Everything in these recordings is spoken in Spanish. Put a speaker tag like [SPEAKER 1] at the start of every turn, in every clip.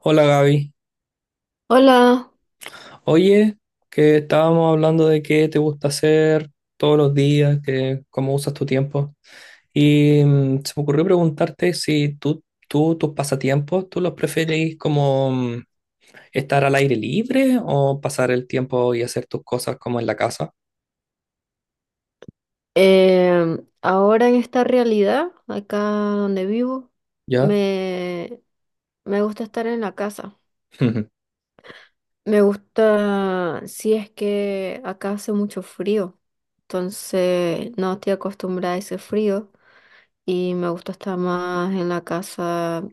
[SPEAKER 1] Hola Gaby.
[SPEAKER 2] Hola.
[SPEAKER 1] Oye, que estábamos hablando de qué te gusta hacer todos los días, que cómo usas tu tiempo. Y se me ocurrió preguntarte si tú tus pasatiempos, ¿tú los preferís como estar al aire libre o pasar el tiempo y hacer tus cosas como en la casa?
[SPEAKER 2] Ahora en esta realidad, acá donde vivo,
[SPEAKER 1] ¿Ya?
[SPEAKER 2] me, me gusta estar en la casa. Me gusta si es que acá hace mucho frío, entonces no estoy acostumbrada a ese frío y me gusta estar más en la casa,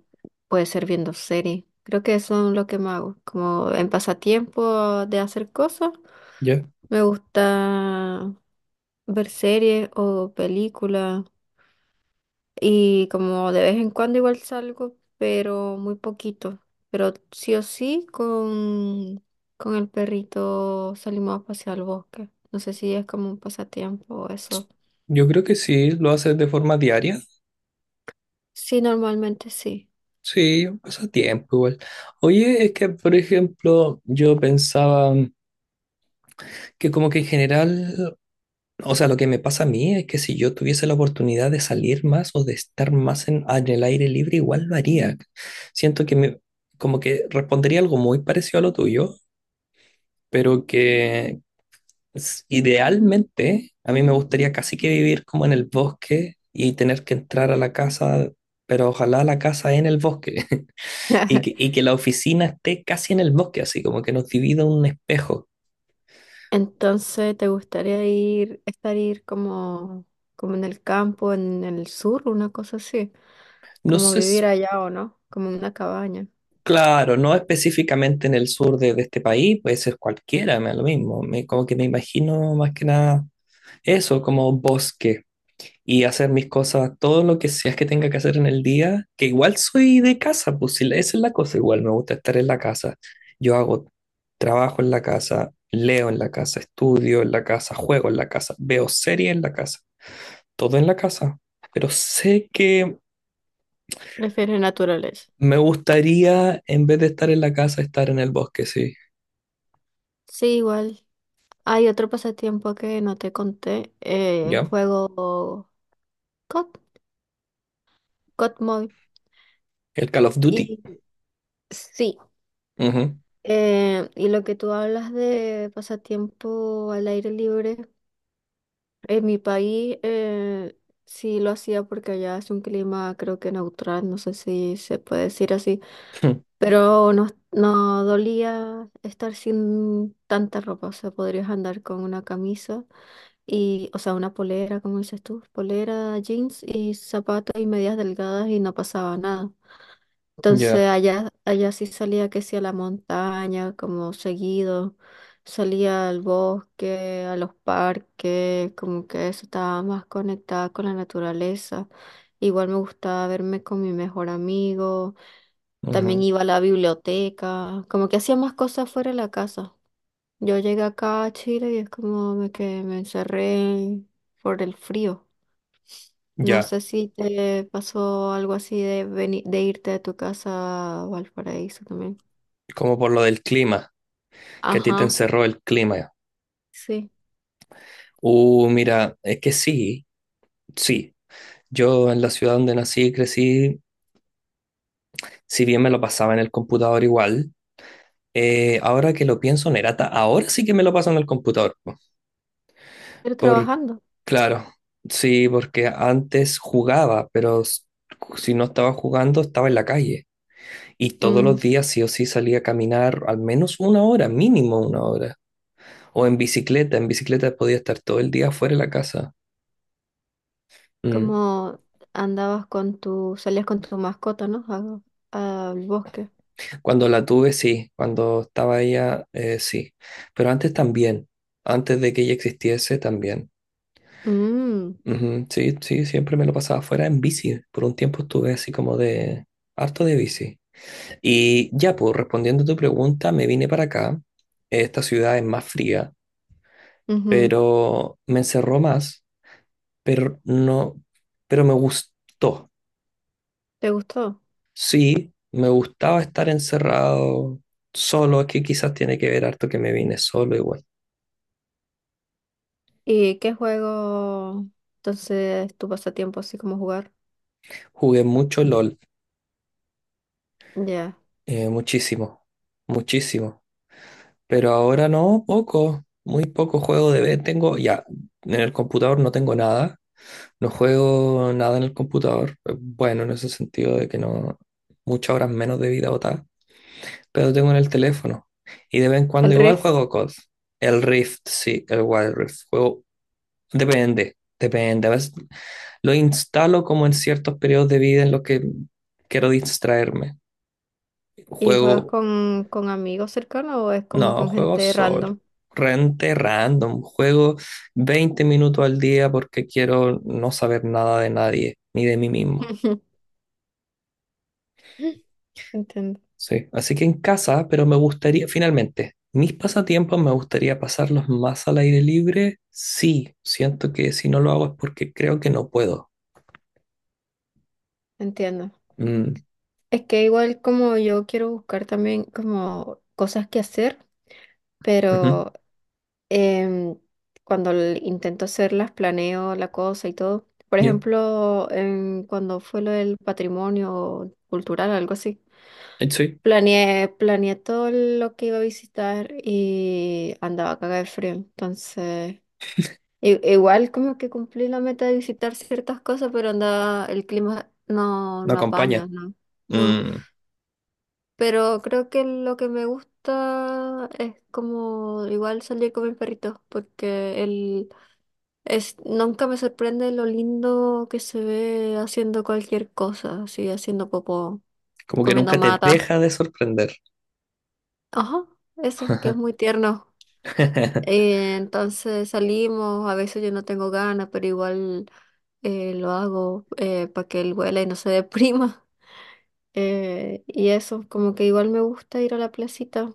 [SPEAKER 2] puede ser viendo series. Creo que eso es lo que me hago, como en pasatiempo de hacer cosas,
[SPEAKER 1] ¿Ya?
[SPEAKER 2] me gusta ver series o películas. Y como de vez en cuando igual salgo, pero muy poquito. Pero sí o sí con el perrito salimos a pasear al bosque. No sé si es como un pasatiempo o eso.
[SPEAKER 1] Yo creo que sí, lo haces de forma diaria.
[SPEAKER 2] Sí, normalmente sí.
[SPEAKER 1] Sí, pasa tiempo igual. Oye, es que por ejemplo, yo pensaba que como que en general. O sea, lo que me pasa a mí es que si yo tuviese la oportunidad de salir más o de estar más en el aire libre, igual lo haría. Siento que me, como que respondería algo muy parecido a lo tuyo, pero que idealmente a mí me gustaría casi que vivir como en el bosque y tener que entrar a la casa, pero ojalá la casa en el bosque. y que, y que la oficina esté casi en el bosque, así como que nos divida un espejo.
[SPEAKER 2] Entonces, ¿te gustaría ir como, como en el campo, en el sur, una cosa así?
[SPEAKER 1] No
[SPEAKER 2] Como
[SPEAKER 1] sé,
[SPEAKER 2] vivir allá o no, como en una cabaña.
[SPEAKER 1] claro, no específicamente en el sur de este país, puede ser cualquiera, me da lo mismo. Me, como que me imagino más que nada eso, como bosque y hacer mis cosas, todo lo que sea que tenga que hacer en el día, que igual soy de casa, pues si esa es la cosa, igual me gusta estar en la casa. Yo hago trabajo en la casa, leo en la casa, estudio en la casa, juego en la casa, veo series en la casa, todo en la casa. Pero sé que
[SPEAKER 2] Prefiero naturaleza.
[SPEAKER 1] me gustaría, en vez de estar en la casa, estar en el bosque, sí,
[SPEAKER 2] Sí, igual. Hay otro pasatiempo que no te conté.
[SPEAKER 1] ¿ya?
[SPEAKER 2] Juego COD, COD Mobile.
[SPEAKER 1] El Call of Duty.
[SPEAKER 2] Y sí,
[SPEAKER 1] Ujú.
[SPEAKER 2] y lo que tú hablas de pasatiempo al aire libre, en mi país sí lo hacía porque allá es un clima creo que neutral, no sé si se puede decir así, pero no dolía estar sin tanta ropa, o sea, podrías andar con una camisa. Y, o sea, una polera, como dices tú, polera, jeans y zapatos y medias delgadas y no pasaba nada. Entonces
[SPEAKER 1] Ya,
[SPEAKER 2] allá sí salía que sí a la montaña, como seguido, salía al bosque, a los parques, como que eso estaba más conectada con la naturaleza. Igual me gustaba verme con mi mejor amigo, también
[SPEAKER 1] ujú,
[SPEAKER 2] iba a la biblioteca, como que hacía más cosas fuera de la casa. Yo llegué acá a Chile y es como me que me encerré por el frío. No
[SPEAKER 1] ya.
[SPEAKER 2] sé si te pasó algo así de de irte de tu casa a Valparaíso también.
[SPEAKER 1] Como por lo del clima, que a ti te
[SPEAKER 2] Ajá,
[SPEAKER 1] encerró el clima.
[SPEAKER 2] sí.
[SPEAKER 1] Mira, es que sí, sí. Yo en la ciudad donde nací y crecí, si bien me lo pasaba en el computador igual, ahora que lo pienso, Nerata, ahora sí que me lo paso en el computador, po.
[SPEAKER 2] Pero
[SPEAKER 1] Por,
[SPEAKER 2] trabajando.
[SPEAKER 1] claro, sí, porque antes jugaba, pero si no estaba jugando, estaba en la calle. Y todos los
[SPEAKER 2] Mm,
[SPEAKER 1] días sí o sí salía a caminar al menos una hora, mínimo una hora. O en bicicleta podía estar todo el día fuera de la casa. Mm.
[SPEAKER 2] como andabas con salías con tu mascota, ¿no? A- al bosque.
[SPEAKER 1] Cuando la tuve, sí, cuando estaba ella, sí. Pero antes también, antes de que ella existiese, también.
[SPEAKER 2] Mm,
[SPEAKER 1] Ujú. Sí, sí, siempre me lo pasaba fuera en bici. Por un tiempo estuve así como de harto de bici. Y ya, pues respondiendo a tu pregunta, me vine para acá. Esta ciudad es más fría,
[SPEAKER 2] ujú.
[SPEAKER 1] pero me encerró más, pero no, pero me gustó.
[SPEAKER 2] ¿Te gustó?
[SPEAKER 1] Sí, me gustaba estar encerrado solo, es que quizás tiene que ver harto que me vine solo igual.
[SPEAKER 2] ¿Y qué juego entonces tu pasatiempo así como jugar?
[SPEAKER 1] Jugué mucho LOL,
[SPEAKER 2] Ya.
[SPEAKER 1] muchísimo, muchísimo, pero ahora no, poco, muy poco juego de vez tengo, ya, en el computador no tengo nada, no juego nada en el computador, bueno, en ese sentido de que no, muchas horas menos de vida botada, pero tengo en el teléfono, y de vez en cuando
[SPEAKER 2] El
[SPEAKER 1] igual
[SPEAKER 2] Rift.
[SPEAKER 1] juego COD, el Rift, sí, el Wild Rift, juego. Depende, depende. A veces lo instalo como en ciertos periodos de vida en los que quiero distraerme.
[SPEAKER 2] ¿Y juegas
[SPEAKER 1] Juego,
[SPEAKER 2] con amigos cercanos o es como
[SPEAKER 1] no,
[SPEAKER 2] con
[SPEAKER 1] juego
[SPEAKER 2] gente
[SPEAKER 1] solo.
[SPEAKER 2] random?
[SPEAKER 1] Rente random. Juego 20 minutos al día porque quiero no saber nada de nadie, ni de mí mismo.
[SPEAKER 2] Entiendo,
[SPEAKER 1] Sí. Así que en casa, pero me gustaría, finalmente, mis pasatiempos me gustaría pasarlos más al aire libre. Sí, siento que si no lo hago es porque creo que no puedo.
[SPEAKER 2] entiendo.
[SPEAKER 1] Mm,
[SPEAKER 2] Es que igual como yo quiero buscar también como cosas que hacer,
[SPEAKER 1] ujú.
[SPEAKER 2] pero em, cuando intento hacerlas, planeo la cosa y todo. Por
[SPEAKER 1] Yo,
[SPEAKER 2] ejemplo, cuando fue lo del patrimonio cultural, algo así,
[SPEAKER 1] sí,
[SPEAKER 2] planeé, planeé todo lo que iba a visitar y andaba cagada de frío. Entonces, I- igual como que cumplí la meta de visitar ciertas cosas, pero anda, el clima
[SPEAKER 1] me
[SPEAKER 2] no
[SPEAKER 1] acompaña.
[SPEAKER 2] apaña, no, no.
[SPEAKER 1] Mm,
[SPEAKER 2] Pero creo que lo que me gusta es como igual salir con mis perritos, porque él es, nunca me sorprende lo lindo que se ve haciendo cualquier cosa, así haciendo popó,
[SPEAKER 1] como que
[SPEAKER 2] comiendo
[SPEAKER 1] nunca te
[SPEAKER 2] mata.
[SPEAKER 1] deja de sorprender.
[SPEAKER 2] Ajá, eso, que es muy tierno. Entonces salimos, a veces yo no tengo ganas, pero igual lo hago para que él huela y no se deprima. Y eso, como que igual me gusta ir a la placita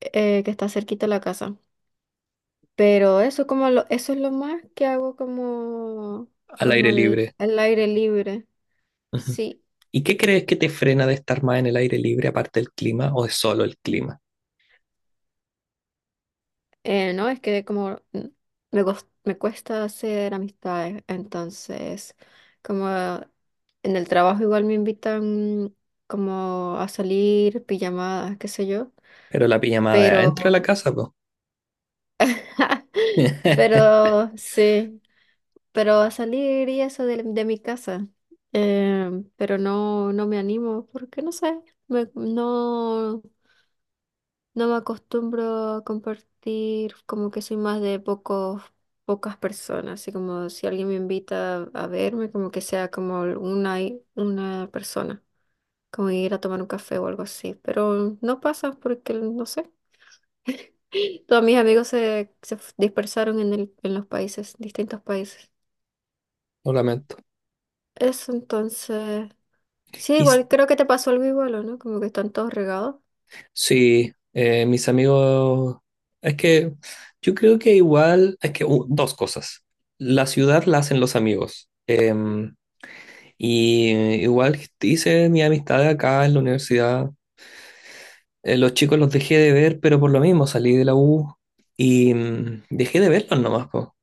[SPEAKER 2] que está cerquita de la casa. Pero eso es lo más que hago como,
[SPEAKER 1] Al
[SPEAKER 2] como
[SPEAKER 1] aire libre.
[SPEAKER 2] al aire libre.
[SPEAKER 1] Ujú.
[SPEAKER 2] Sí.
[SPEAKER 1] ¿Y qué crees que te frena de estar más en el aire libre aparte del clima o es solo el clima?
[SPEAKER 2] No, es que como me cuesta hacer amistades, entonces como en el trabajo igual me invitan como a salir, pijamadas, qué sé yo,
[SPEAKER 1] Pero la pijamada es
[SPEAKER 2] pero,
[SPEAKER 1] adentro de la casa, pues.
[SPEAKER 2] pero sí, pero a salir y eso de mi casa, eh, pero no me animo porque no sé, me- no. No me acostumbro a compartir, como que soy más de pocas personas, así como si alguien me invita a verme, como que sea como una persona, como ir a tomar un café o algo así, pero no pasa porque, no sé, todos mis amigos dispersaron en en los países, distintos países.
[SPEAKER 1] Lo lamento.
[SPEAKER 2] Eso entonces, sí,
[SPEAKER 1] Y
[SPEAKER 2] igual creo que te pasó algo igual, ¿o no? Como que están todos regados.
[SPEAKER 1] sí, mis amigos, es que yo creo que igual, es que dos cosas. La ciudad la hacen los amigos. Y igual hice mi amistad acá en la universidad. Los chicos los dejé de ver, pero por lo mismo salí de la U y dejé de verlos nomás, po.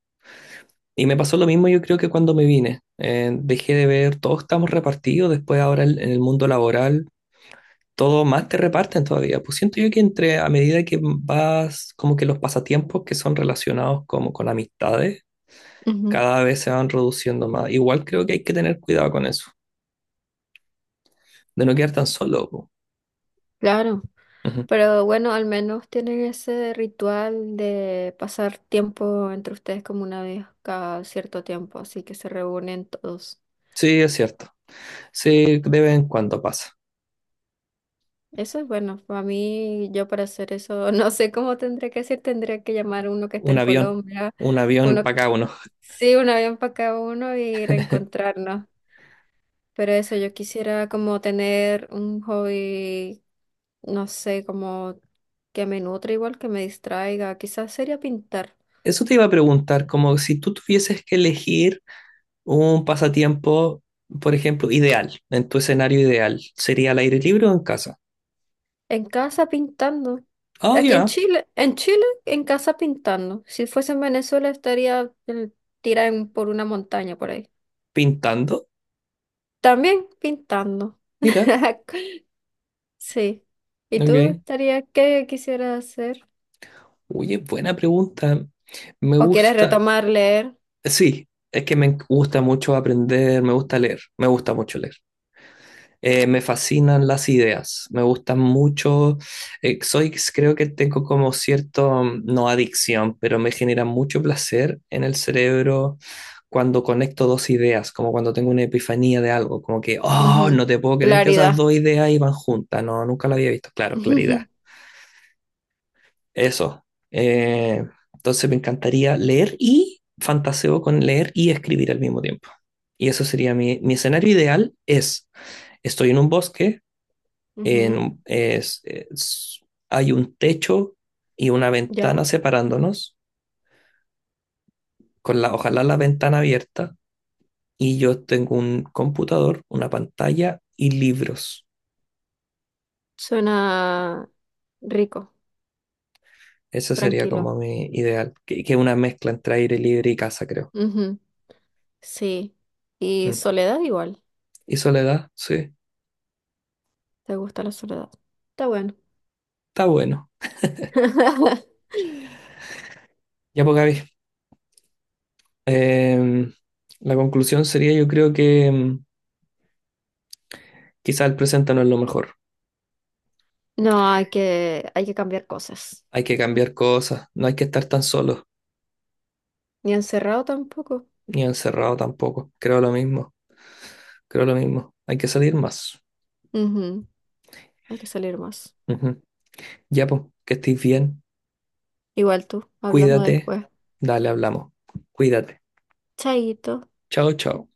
[SPEAKER 1] Y me pasó lo mismo yo creo que cuando me vine. Dejé de ver, todos estamos repartidos, después ahora en el mundo laboral, todos más te reparten todavía. Pues siento yo que entre, a medida que vas, como que los pasatiempos que son relacionados como con amistades,
[SPEAKER 2] Ujú.
[SPEAKER 1] cada vez se van reduciendo más. Igual creo que hay que tener cuidado con eso, de no quedar tan solo, po.
[SPEAKER 2] Claro.
[SPEAKER 1] Ujú.
[SPEAKER 2] Pero bueno, al menos tienen ese ritual de pasar tiempo entre ustedes como una vez cada cierto tiempo, así que se reúnen todos.
[SPEAKER 1] Sí, es cierto. Sí, de vez en cuando pasa.
[SPEAKER 2] Eso es bueno, para mí, yo para hacer eso, no sé cómo tendría que hacer, tendría que llamar a uno que está
[SPEAKER 1] Un
[SPEAKER 2] en
[SPEAKER 1] avión,
[SPEAKER 2] Colombia,
[SPEAKER 1] un avión
[SPEAKER 2] uno,
[SPEAKER 1] para cada uno.
[SPEAKER 2] sí, un avión para cada uno y reencontrarnos. Pero eso, yo quisiera como tener un hobby, no sé, como que me nutre igual, que me distraiga, quizás sería pintar.
[SPEAKER 1] Eso te iba a preguntar, como si tú tuvieses que elegir un pasatiempo, por ejemplo, ideal, en tu escenario ideal, ¿sería al aire libre o en casa?
[SPEAKER 2] En casa pintando.
[SPEAKER 1] Oh, ya,
[SPEAKER 2] En Chile, en casa pintando. Si fuese en Venezuela, estaría tirada en- por una montaña por ahí.
[SPEAKER 1] pintando.
[SPEAKER 2] También pintando.
[SPEAKER 1] Mira,
[SPEAKER 2] Sí. ¿Y tú
[SPEAKER 1] ok.
[SPEAKER 2] estarías, qué quisieras hacer?
[SPEAKER 1] Oye, buena pregunta. Me
[SPEAKER 2] ¿O quieres
[SPEAKER 1] gusta,
[SPEAKER 2] retomar leer?
[SPEAKER 1] sí, es que me gusta mucho aprender, me gusta leer, me gusta mucho leer. Me fascinan las ideas, me gustan mucho. Soy creo que tengo como cierto, no adicción, pero me genera mucho placer en el cerebro cuando conecto dos ideas, como cuando tengo una epifanía de algo, como que, oh,
[SPEAKER 2] Ujú.
[SPEAKER 1] no te puedo creer que esas
[SPEAKER 2] Claridad.
[SPEAKER 1] dos ideas iban juntas, no, nunca lo había visto, claro, claridad. Eso. Eh, entonces me encantaría leer y fantaseo con leer y escribir al mismo tiempo. Y eso sería mi escenario ideal, es, estoy en un bosque,
[SPEAKER 2] Ujú.
[SPEAKER 1] en- es- es- hay un techo y una ventana
[SPEAKER 2] Ya.
[SPEAKER 1] separándonos, con la, ojalá la ventana abierta, y yo tengo un computador, una pantalla y libros.
[SPEAKER 2] Suena rico,
[SPEAKER 1] Ese sería
[SPEAKER 2] tranquilo.
[SPEAKER 1] como mi ideal, que es una mezcla entre aire libre y casa, creo.
[SPEAKER 2] Ujú. Sí. Y
[SPEAKER 1] Mm.
[SPEAKER 2] soledad igual.
[SPEAKER 1] ¿Y soledad? Sí,
[SPEAKER 2] ¿Te gusta la soledad? Está bueno.
[SPEAKER 1] está bueno. Ya pues, Gaby, em, la conclusión sería yo creo que quizá el presente no es lo mejor.
[SPEAKER 2] No, hay que cambiar cosas.
[SPEAKER 1] Hay que cambiar cosas, no hay que estar tan solo,
[SPEAKER 2] Ni encerrado tampoco.
[SPEAKER 1] ni encerrado tampoco. Creo lo mismo. Creo lo mismo. Hay que salir más.
[SPEAKER 2] Ujú. Hay que salir más.
[SPEAKER 1] Ujú. Ya, pues, que estés bien.
[SPEAKER 2] Igual tú, hablamos
[SPEAKER 1] Cuídate.
[SPEAKER 2] después.
[SPEAKER 1] Dale, hablamos. Cuídate.
[SPEAKER 2] Chaito.
[SPEAKER 1] Chao, chao.